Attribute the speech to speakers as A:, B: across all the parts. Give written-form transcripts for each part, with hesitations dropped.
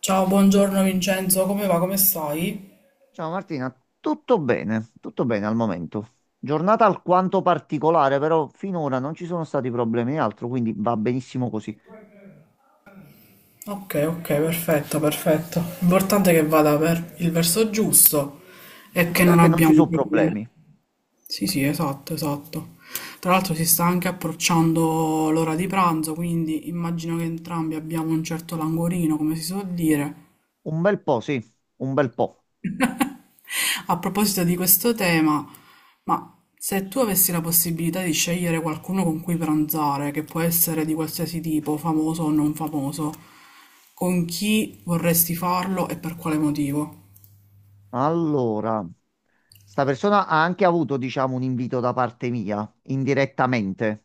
A: Ciao, buongiorno Vincenzo, come va? Come stai?
B: Ciao Martina, tutto bene al momento. Giornata alquanto particolare, però finora non ci sono stati problemi e altro, quindi va benissimo così.
A: Ok, ok, perfetto, perfetto. L'importante è che vada per il verso giusto e che
B: L'importante è
A: non
B: che non ci
A: abbiamo
B: sono
A: problemi.
B: problemi.
A: Sì, sì, esatto, esatto. Tra l'altro si sta anche approcciando l'ora di pranzo, quindi immagino che entrambi abbiamo un certo languorino, come si suol dire.
B: Un bel po', sì, un bel po'.
A: A proposito di questo tema, ma se tu avessi la possibilità di scegliere qualcuno con cui pranzare, che può essere di qualsiasi tipo, famoso o non famoso, con chi vorresti farlo e per quale motivo?
B: Allora, sta persona ha anche avuto, diciamo, un invito da parte mia, indirettamente,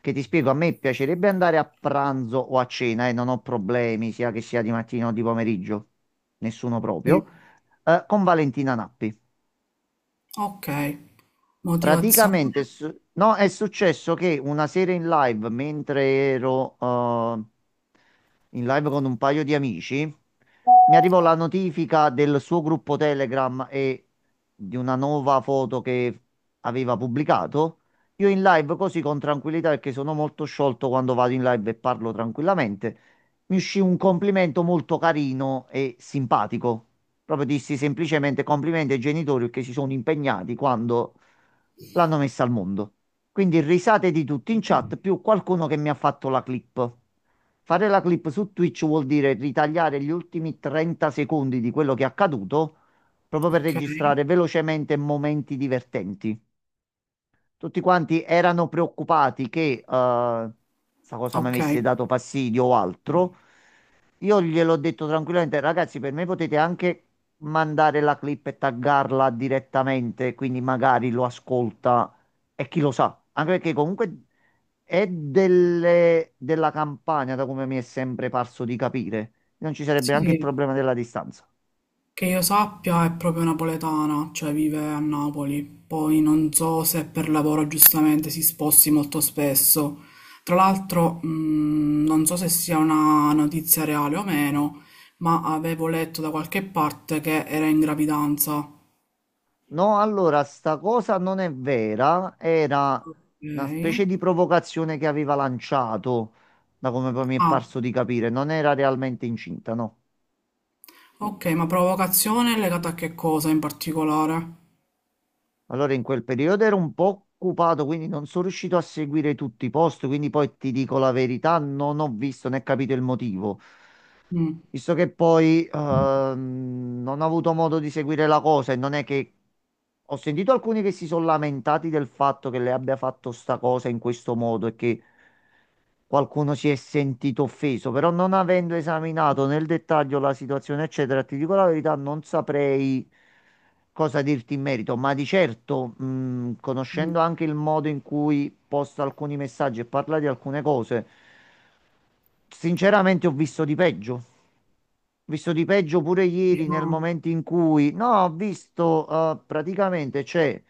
B: che ti spiego, a me piacerebbe andare a pranzo o a cena e non ho problemi, sia che sia di mattina o di pomeriggio, nessuno proprio, con Valentina Nappi.
A: Ok, motivazione.
B: Praticamente, no, è successo che una sera in live, mentre ero in live con un paio di amici, mi arrivò la notifica del suo gruppo Telegram e di una nuova foto che aveva pubblicato. Io in live così con tranquillità, perché sono molto sciolto quando vado in live e parlo tranquillamente, mi uscì un complimento molto carino e simpatico. Proprio dissi semplicemente complimenti ai genitori che si sono impegnati quando l'hanno messa al mondo. Quindi risate di tutti in chat, più qualcuno che mi ha fatto la clip. Fare la clip su Twitch vuol dire ritagliare gli ultimi 30 secondi di quello che è accaduto, proprio per
A: Ok,
B: registrare velocemente momenti divertenti. Tutti quanti erano preoccupati che sta cosa mi
A: ok.
B: avesse dato fastidio o altro. Io gliel'ho detto tranquillamente, ragazzi, per me potete anche mandare la clip e taggarla direttamente, quindi magari lo ascolta e chi lo sa, anche perché comunque è della campagna, da come mi è sempre parso di capire. Non ci sarebbe
A: Sì,
B: anche il
A: sì.
B: problema della distanza.
A: Che io sappia è proprio napoletana, cioè vive a Napoli. Poi non so se per lavoro giustamente si sposti molto spesso. Tra l'altro, non so se sia una notizia reale o meno, ma avevo letto da qualche parte che era in gravidanza.
B: No, allora, sta cosa non è vera, era
A: Ok.
B: una specie di provocazione che aveva lanciato, da come poi mi è
A: Ah,
B: parso di capire, non era realmente incinta, no.
A: ok, ma provocazione è legata a che cosa in particolare?
B: Allora, in quel periodo ero un po' occupato, quindi non sono riuscito a seguire tutti i post, quindi poi ti dico la verità, non ho visto né capito il motivo.
A: Mm,
B: Visto che poi non ho avuto modo di seguire la cosa e non è che ho sentito alcuni che si sono lamentati del fatto che lei abbia fatto sta cosa in questo modo e che qualcuno si è sentito offeso, però non avendo esaminato nel dettaglio la situazione, eccetera, ti dico la verità, non saprei cosa dirti in merito, ma di certo,
A: mm,
B: conoscendo anche il modo in cui posta alcuni messaggi e parla di alcune cose, sinceramente ho visto di peggio. Ho visto di peggio pure ieri nel
A: no.
B: momento in cui, no, ho visto praticamente c'è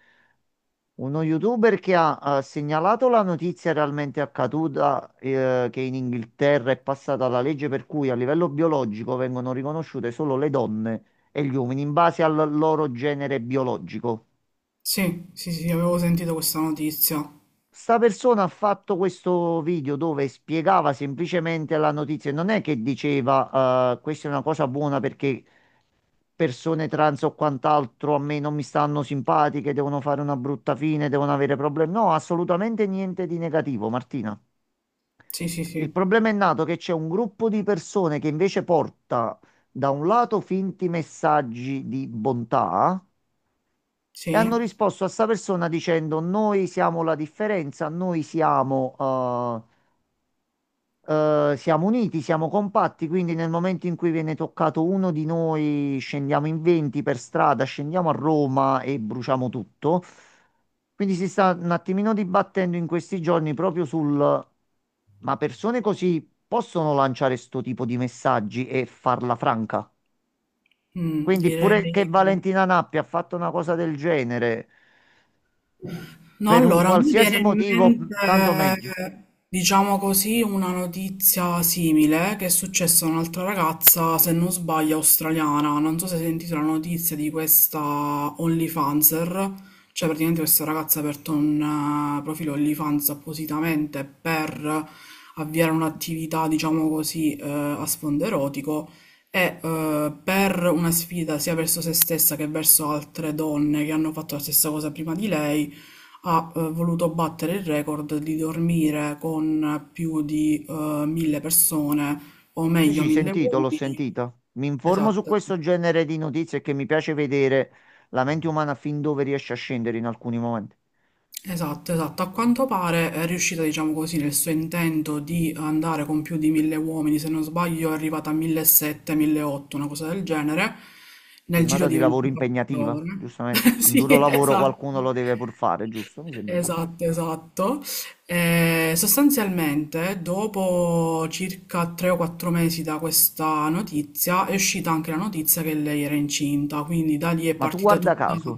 B: uno youtuber che ha segnalato la notizia realmente accaduta, che in Inghilterra è passata la legge per cui a livello biologico vengono riconosciute solo le donne e gli uomini in base al loro genere biologico.
A: Sì, sì, sì, avevo sentito questa notizia.
B: Sta persona ha fatto questo video dove spiegava semplicemente la notizia, non è che diceva, questa è una cosa buona perché persone trans o quant'altro a me non mi stanno simpatiche, devono fare una brutta fine, devono avere problemi. No, assolutamente niente di negativo, Martina.
A: Sì, sì,
B: Il
A: sì.
B: problema è nato che c'è un gruppo di persone che invece porta da un lato finti messaggi di bontà e hanno
A: Sì,
B: risposto a sta persona dicendo noi siamo la differenza, noi siamo siamo uniti, siamo compatti, quindi nel momento in cui viene toccato uno di noi, scendiamo in 20 per strada, scendiamo a Roma e bruciamo tutto. Quindi si sta un attimino dibattendo in questi giorni proprio sul, ma persone così possono lanciare sto tipo di messaggi e farla franca?
A: mm,
B: Quindi
A: direi
B: pure che
A: che
B: Valentina Nappi ha fatto una cosa del genere,
A: No,
B: per un
A: allora, mi
B: qualsiasi
A: viene in
B: motivo, tanto meglio.
A: mente, diciamo così, una notizia simile che è successa a un'altra ragazza, se non sbaglio, australiana. Non so se hai sentito la notizia di questa OnlyFanser, cioè praticamente questa ragazza ha aperto un profilo OnlyFans appositamente per avviare un'attività, diciamo così, a sfondo erotico e per una sfida sia verso se stessa che verso altre donne che hanno fatto la stessa cosa prima di lei ha voluto battere il record di dormire con più di 1000 persone, o
B: Sì,
A: meglio
B: sì,
A: 1000
B: sentito, l'ho
A: uomini.
B: sentito. Mi informo su
A: Esatto.
B: questo genere di notizie che mi piace vedere la mente umana fin dove riesce a scendere in alcuni momenti.
A: Esatto, esatto. A quanto pare è riuscita, diciamo così, nel suo intento di andare con più di mille uomini, se non sbaglio è arrivata a 1700, 1800, una cosa del genere, nel giro
B: Giornata di
A: di
B: lavoro
A: 24
B: impegnativa,
A: ore.
B: giustamente. Un
A: Sì,
B: duro lavoro
A: esatto.
B: qualcuno lo deve pur fare, giusto? Mi sembra giusto.
A: Esatto, esatto. Sostanzialmente, dopo circa tre o quattro mesi da questa notizia, è uscita anche la notizia che lei era incinta, quindi da lì è
B: Ma tu
A: partita
B: guarda
A: tutta.
B: caso,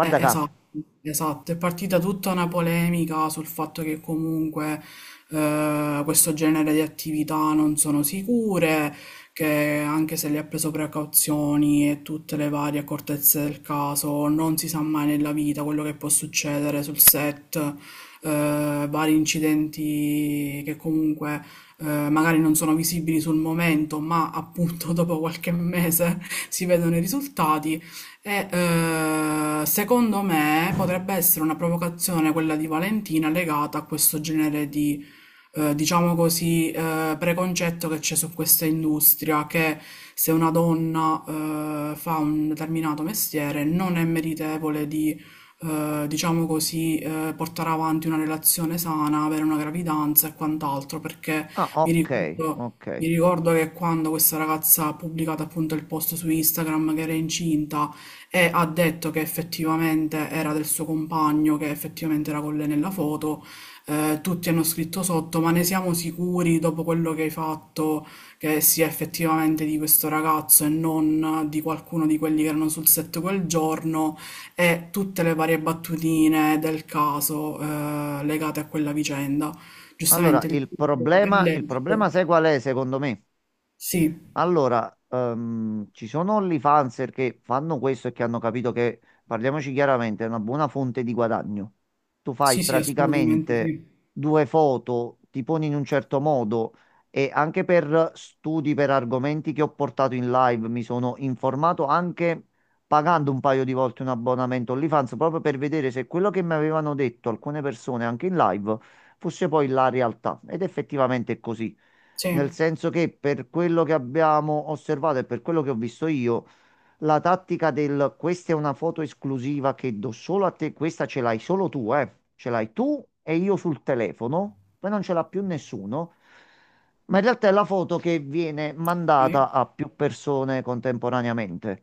B: caso.
A: Esatto, esatto, è partita tutta una polemica sul fatto che comunque questo genere di attività non sono sicure, che anche se le ha preso precauzioni e tutte le varie accortezze del caso, non si sa mai nella vita quello che può succedere sul set, vari incidenti che comunque magari non sono visibili sul momento, ma appunto dopo qualche mese si vedono i risultati. E secondo me potrebbe essere una provocazione quella di Valentina legata a questo genere di diciamo così, preconcetto che c'è su questa industria, che se una donna fa un determinato mestiere non è meritevole di diciamo così, portare avanti una relazione sana, avere una gravidanza e quant'altro, perché
B: Ah,
A: mi
B: ok,
A: ricordo...
B: ok.
A: Mi ricordo che quando questa ragazza ha pubblicato appunto il post su Instagram che era incinta, e ha detto che effettivamente era del suo compagno, che effettivamente era con lei nella foto. Tutti hanno scritto sotto, ma ne siamo sicuri dopo quello che hai fatto che sia effettivamente di questo ragazzo e non di qualcuno di quelli che erano sul set quel giorno e tutte le varie battutine del caso legate a quella vicenda.
B: Allora,
A: Giustamente il dubbio è
B: il
A: lecito.
B: problema sai qual è, secondo me?
A: Sì,
B: Allora, ci sono OnlyFanser che fanno questo e che hanno capito che, parliamoci chiaramente, è una buona fonte di guadagno. Tu fai
A: sì, sì, assolutamente
B: praticamente
A: sì.
B: due foto, ti poni in un certo modo e anche per studi, per argomenti che ho portato in live, mi sono informato anche pagando un paio di volte un abbonamento OnlyFans proprio per vedere se quello che mi avevano detto alcune persone anche in live fosse poi la realtà. Ed effettivamente è così.
A: Sì,
B: Nel senso che per quello che abbiamo osservato e per quello che ho visto io, la tattica del questa è una foto esclusiva che do solo a te, questa ce l'hai solo tu, eh. Ce l'hai tu e io sul telefono, poi non ce l'ha più nessuno. Ma in realtà è la foto che viene
A: sì.
B: mandata a più persone contemporaneamente.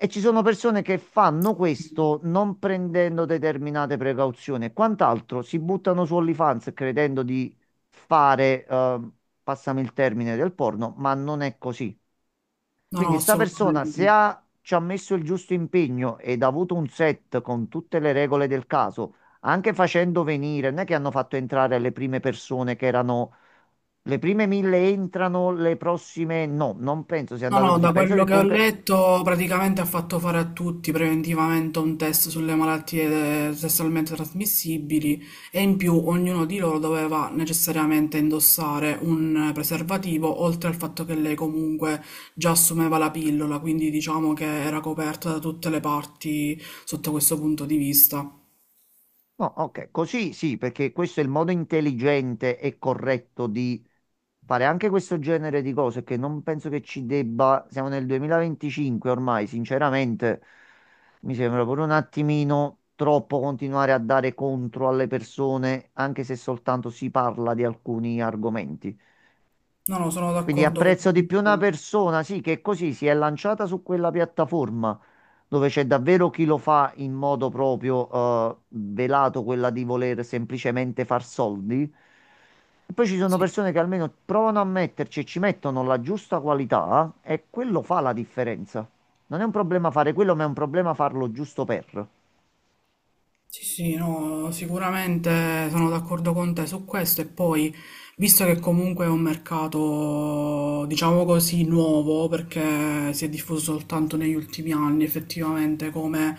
B: E ci sono persone che fanno questo non prendendo determinate precauzioni e quant'altro, si buttano su OnlyFans credendo di fare, passami il termine, del porno, ma non è così.
A: No, no,
B: Quindi sta persona,
A: assolutamente.
B: se
A: Sì.
B: ha, ci ha messo il giusto impegno ed ha avuto un set con tutte le regole del caso, anche facendo venire, non è che hanno fatto entrare le prime persone che erano... Le prime mille entrano, le prossime no, non penso sia
A: No,
B: andata
A: no,
B: così.
A: da
B: Penso
A: quello
B: che
A: che ho
B: comunque
A: letto praticamente ha fatto fare a tutti preventivamente un test sulle malattie sessualmente trasmissibili e in più ognuno di loro doveva necessariamente indossare un preservativo, oltre al fatto che lei comunque già assumeva la pillola, quindi diciamo che era coperta da tutte le parti sotto questo punto di vista.
B: no, ok, così sì, perché questo è il modo intelligente e corretto di fare anche questo genere di cose che non penso che ci debba, siamo nel 2025 ormai, sinceramente mi sembra pure un attimino troppo continuare a dare contro alle persone, anche se soltanto si parla di alcuni argomenti.
A: No, no, sono
B: Quindi
A: d'accordo con
B: apprezzo di più una
A: te.
B: persona, sì, che così si è lanciata su quella piattaforma dove c'è davvero chi lo fa in modo proprio velato, quella di voler semplicemente far soldi. E poi ci sono
A: Sì.
B: persone che almeno provano a metterci e ci mettono la giusta qualità e quello fa la differenza. Non è un problema fare quello, ma è un problema farlo giusto per.
A: Sì, sì, no, sicuramente sono d'accordo con te su questo e poi, visto che comunque è un mercato, diciamo così, nuovo, perché si è diffuso soltanto negli ultimi anni effettivamente come,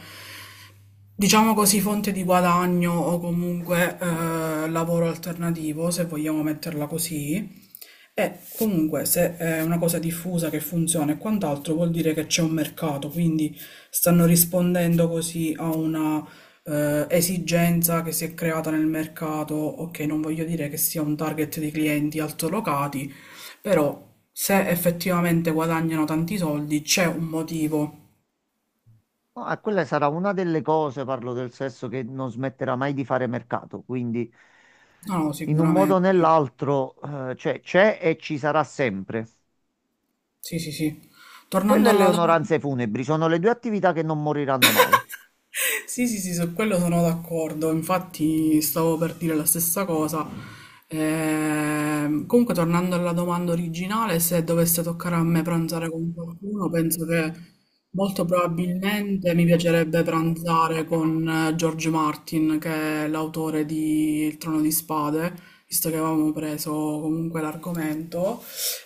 A: diciamo così, fonte di guadagno o comunque lavoro alternativo, se vogliamo metterla così, e comunque se è una cosa diffusa che funziona e quant'altro vuol dire che c'è un mercato, quindi stanno rispondendo così a una esigenza che si è creata nel mercato. Ok, non voglio dire che sia un target di clienti altolocati, però se effettivamente guadagnano tanti soldi c'è un motivo.
B: No, quella sarà una delle cose, parlo del sesso, che non smetterà mai di fare mercato, quindi
A: No, no,
B: in un modo o
A: sicuramente.
B: nell'altro c'è e ci sarà sempre.
A: Sì, sì, sì. Tornando
B: Quelle e le
A: alla domanda.
B: onoranze funebri sono le due attività che non moriranno mai.
A: Sì, sì, sì, su quello sono d'accordo. Infatti stavo per dire la stessa cosa. Comunque, tornando alla domanda originale, se dovesse toccare a me pranzare con qualcuno, penso che molto probabilmente mi piacerebbe pranzare con George Martin, che è l'autore di Il Trono di Spade, visto che avevamo preso comunque l'argomento.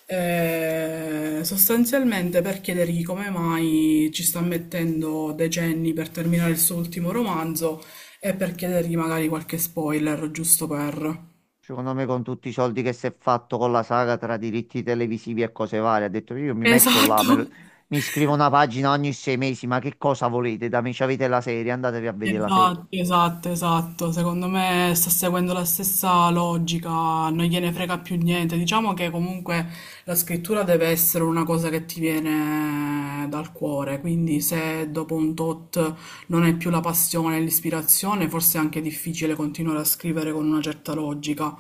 A: Sostanzialmente per chiedergli come mai ci sta mettendo decenni per terminare il suo ultimo romanzo e per chiedergli magari qualche spoiler, giusto per...
B: Secondo me, con tutti i soldi che si è fatto con la saga tra diritti televisivi e cose varie, ha detto io mi metto là,
A: Esatto.
B: mi scrivo una pagina ogni sei mesi, ma che cosa volete da me? C'avete la serie, andatevi a vedere la serie.
A: Esatto, esatto, esatto. Secondo me sta seguendo la stessa logica, non gliene frega più niente. Diciamo che comunque la scrittura deve essere una cosa che ti viene dal cuore, quindi se dopo un tot non è più la passione e l'ispirazione, forse è anche difficile continuare a scrivere con una certa logica.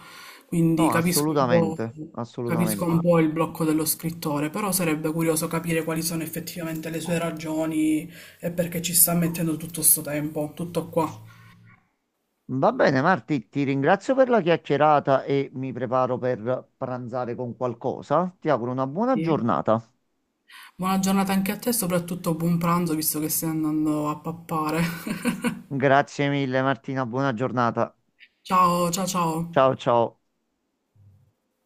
A: Quindi
B: No, assolutamente,
A: capisco un
B: assolutamente.
A: po' il blocco dello scrittore, però sarebbe curioso capire quali sono effettivamente le sue ragioni è perché ci sta mettendo tutto sto tempo, tutto qua.
B: Va bene, Marti, ti ringrazio per la chiacchierata e mi preparo per pranzare con qualcosa. Ti auguro una buona
A: Sì.
B: giornata.
A: Buona giornata anche a te, soprattutto buon pranzo, visto che stai andando a pappare.
B: Grazie mille, Martina, buona giornata.
A: Ciao, ciao,
B: Ciao
A: ciao.
B: ciao.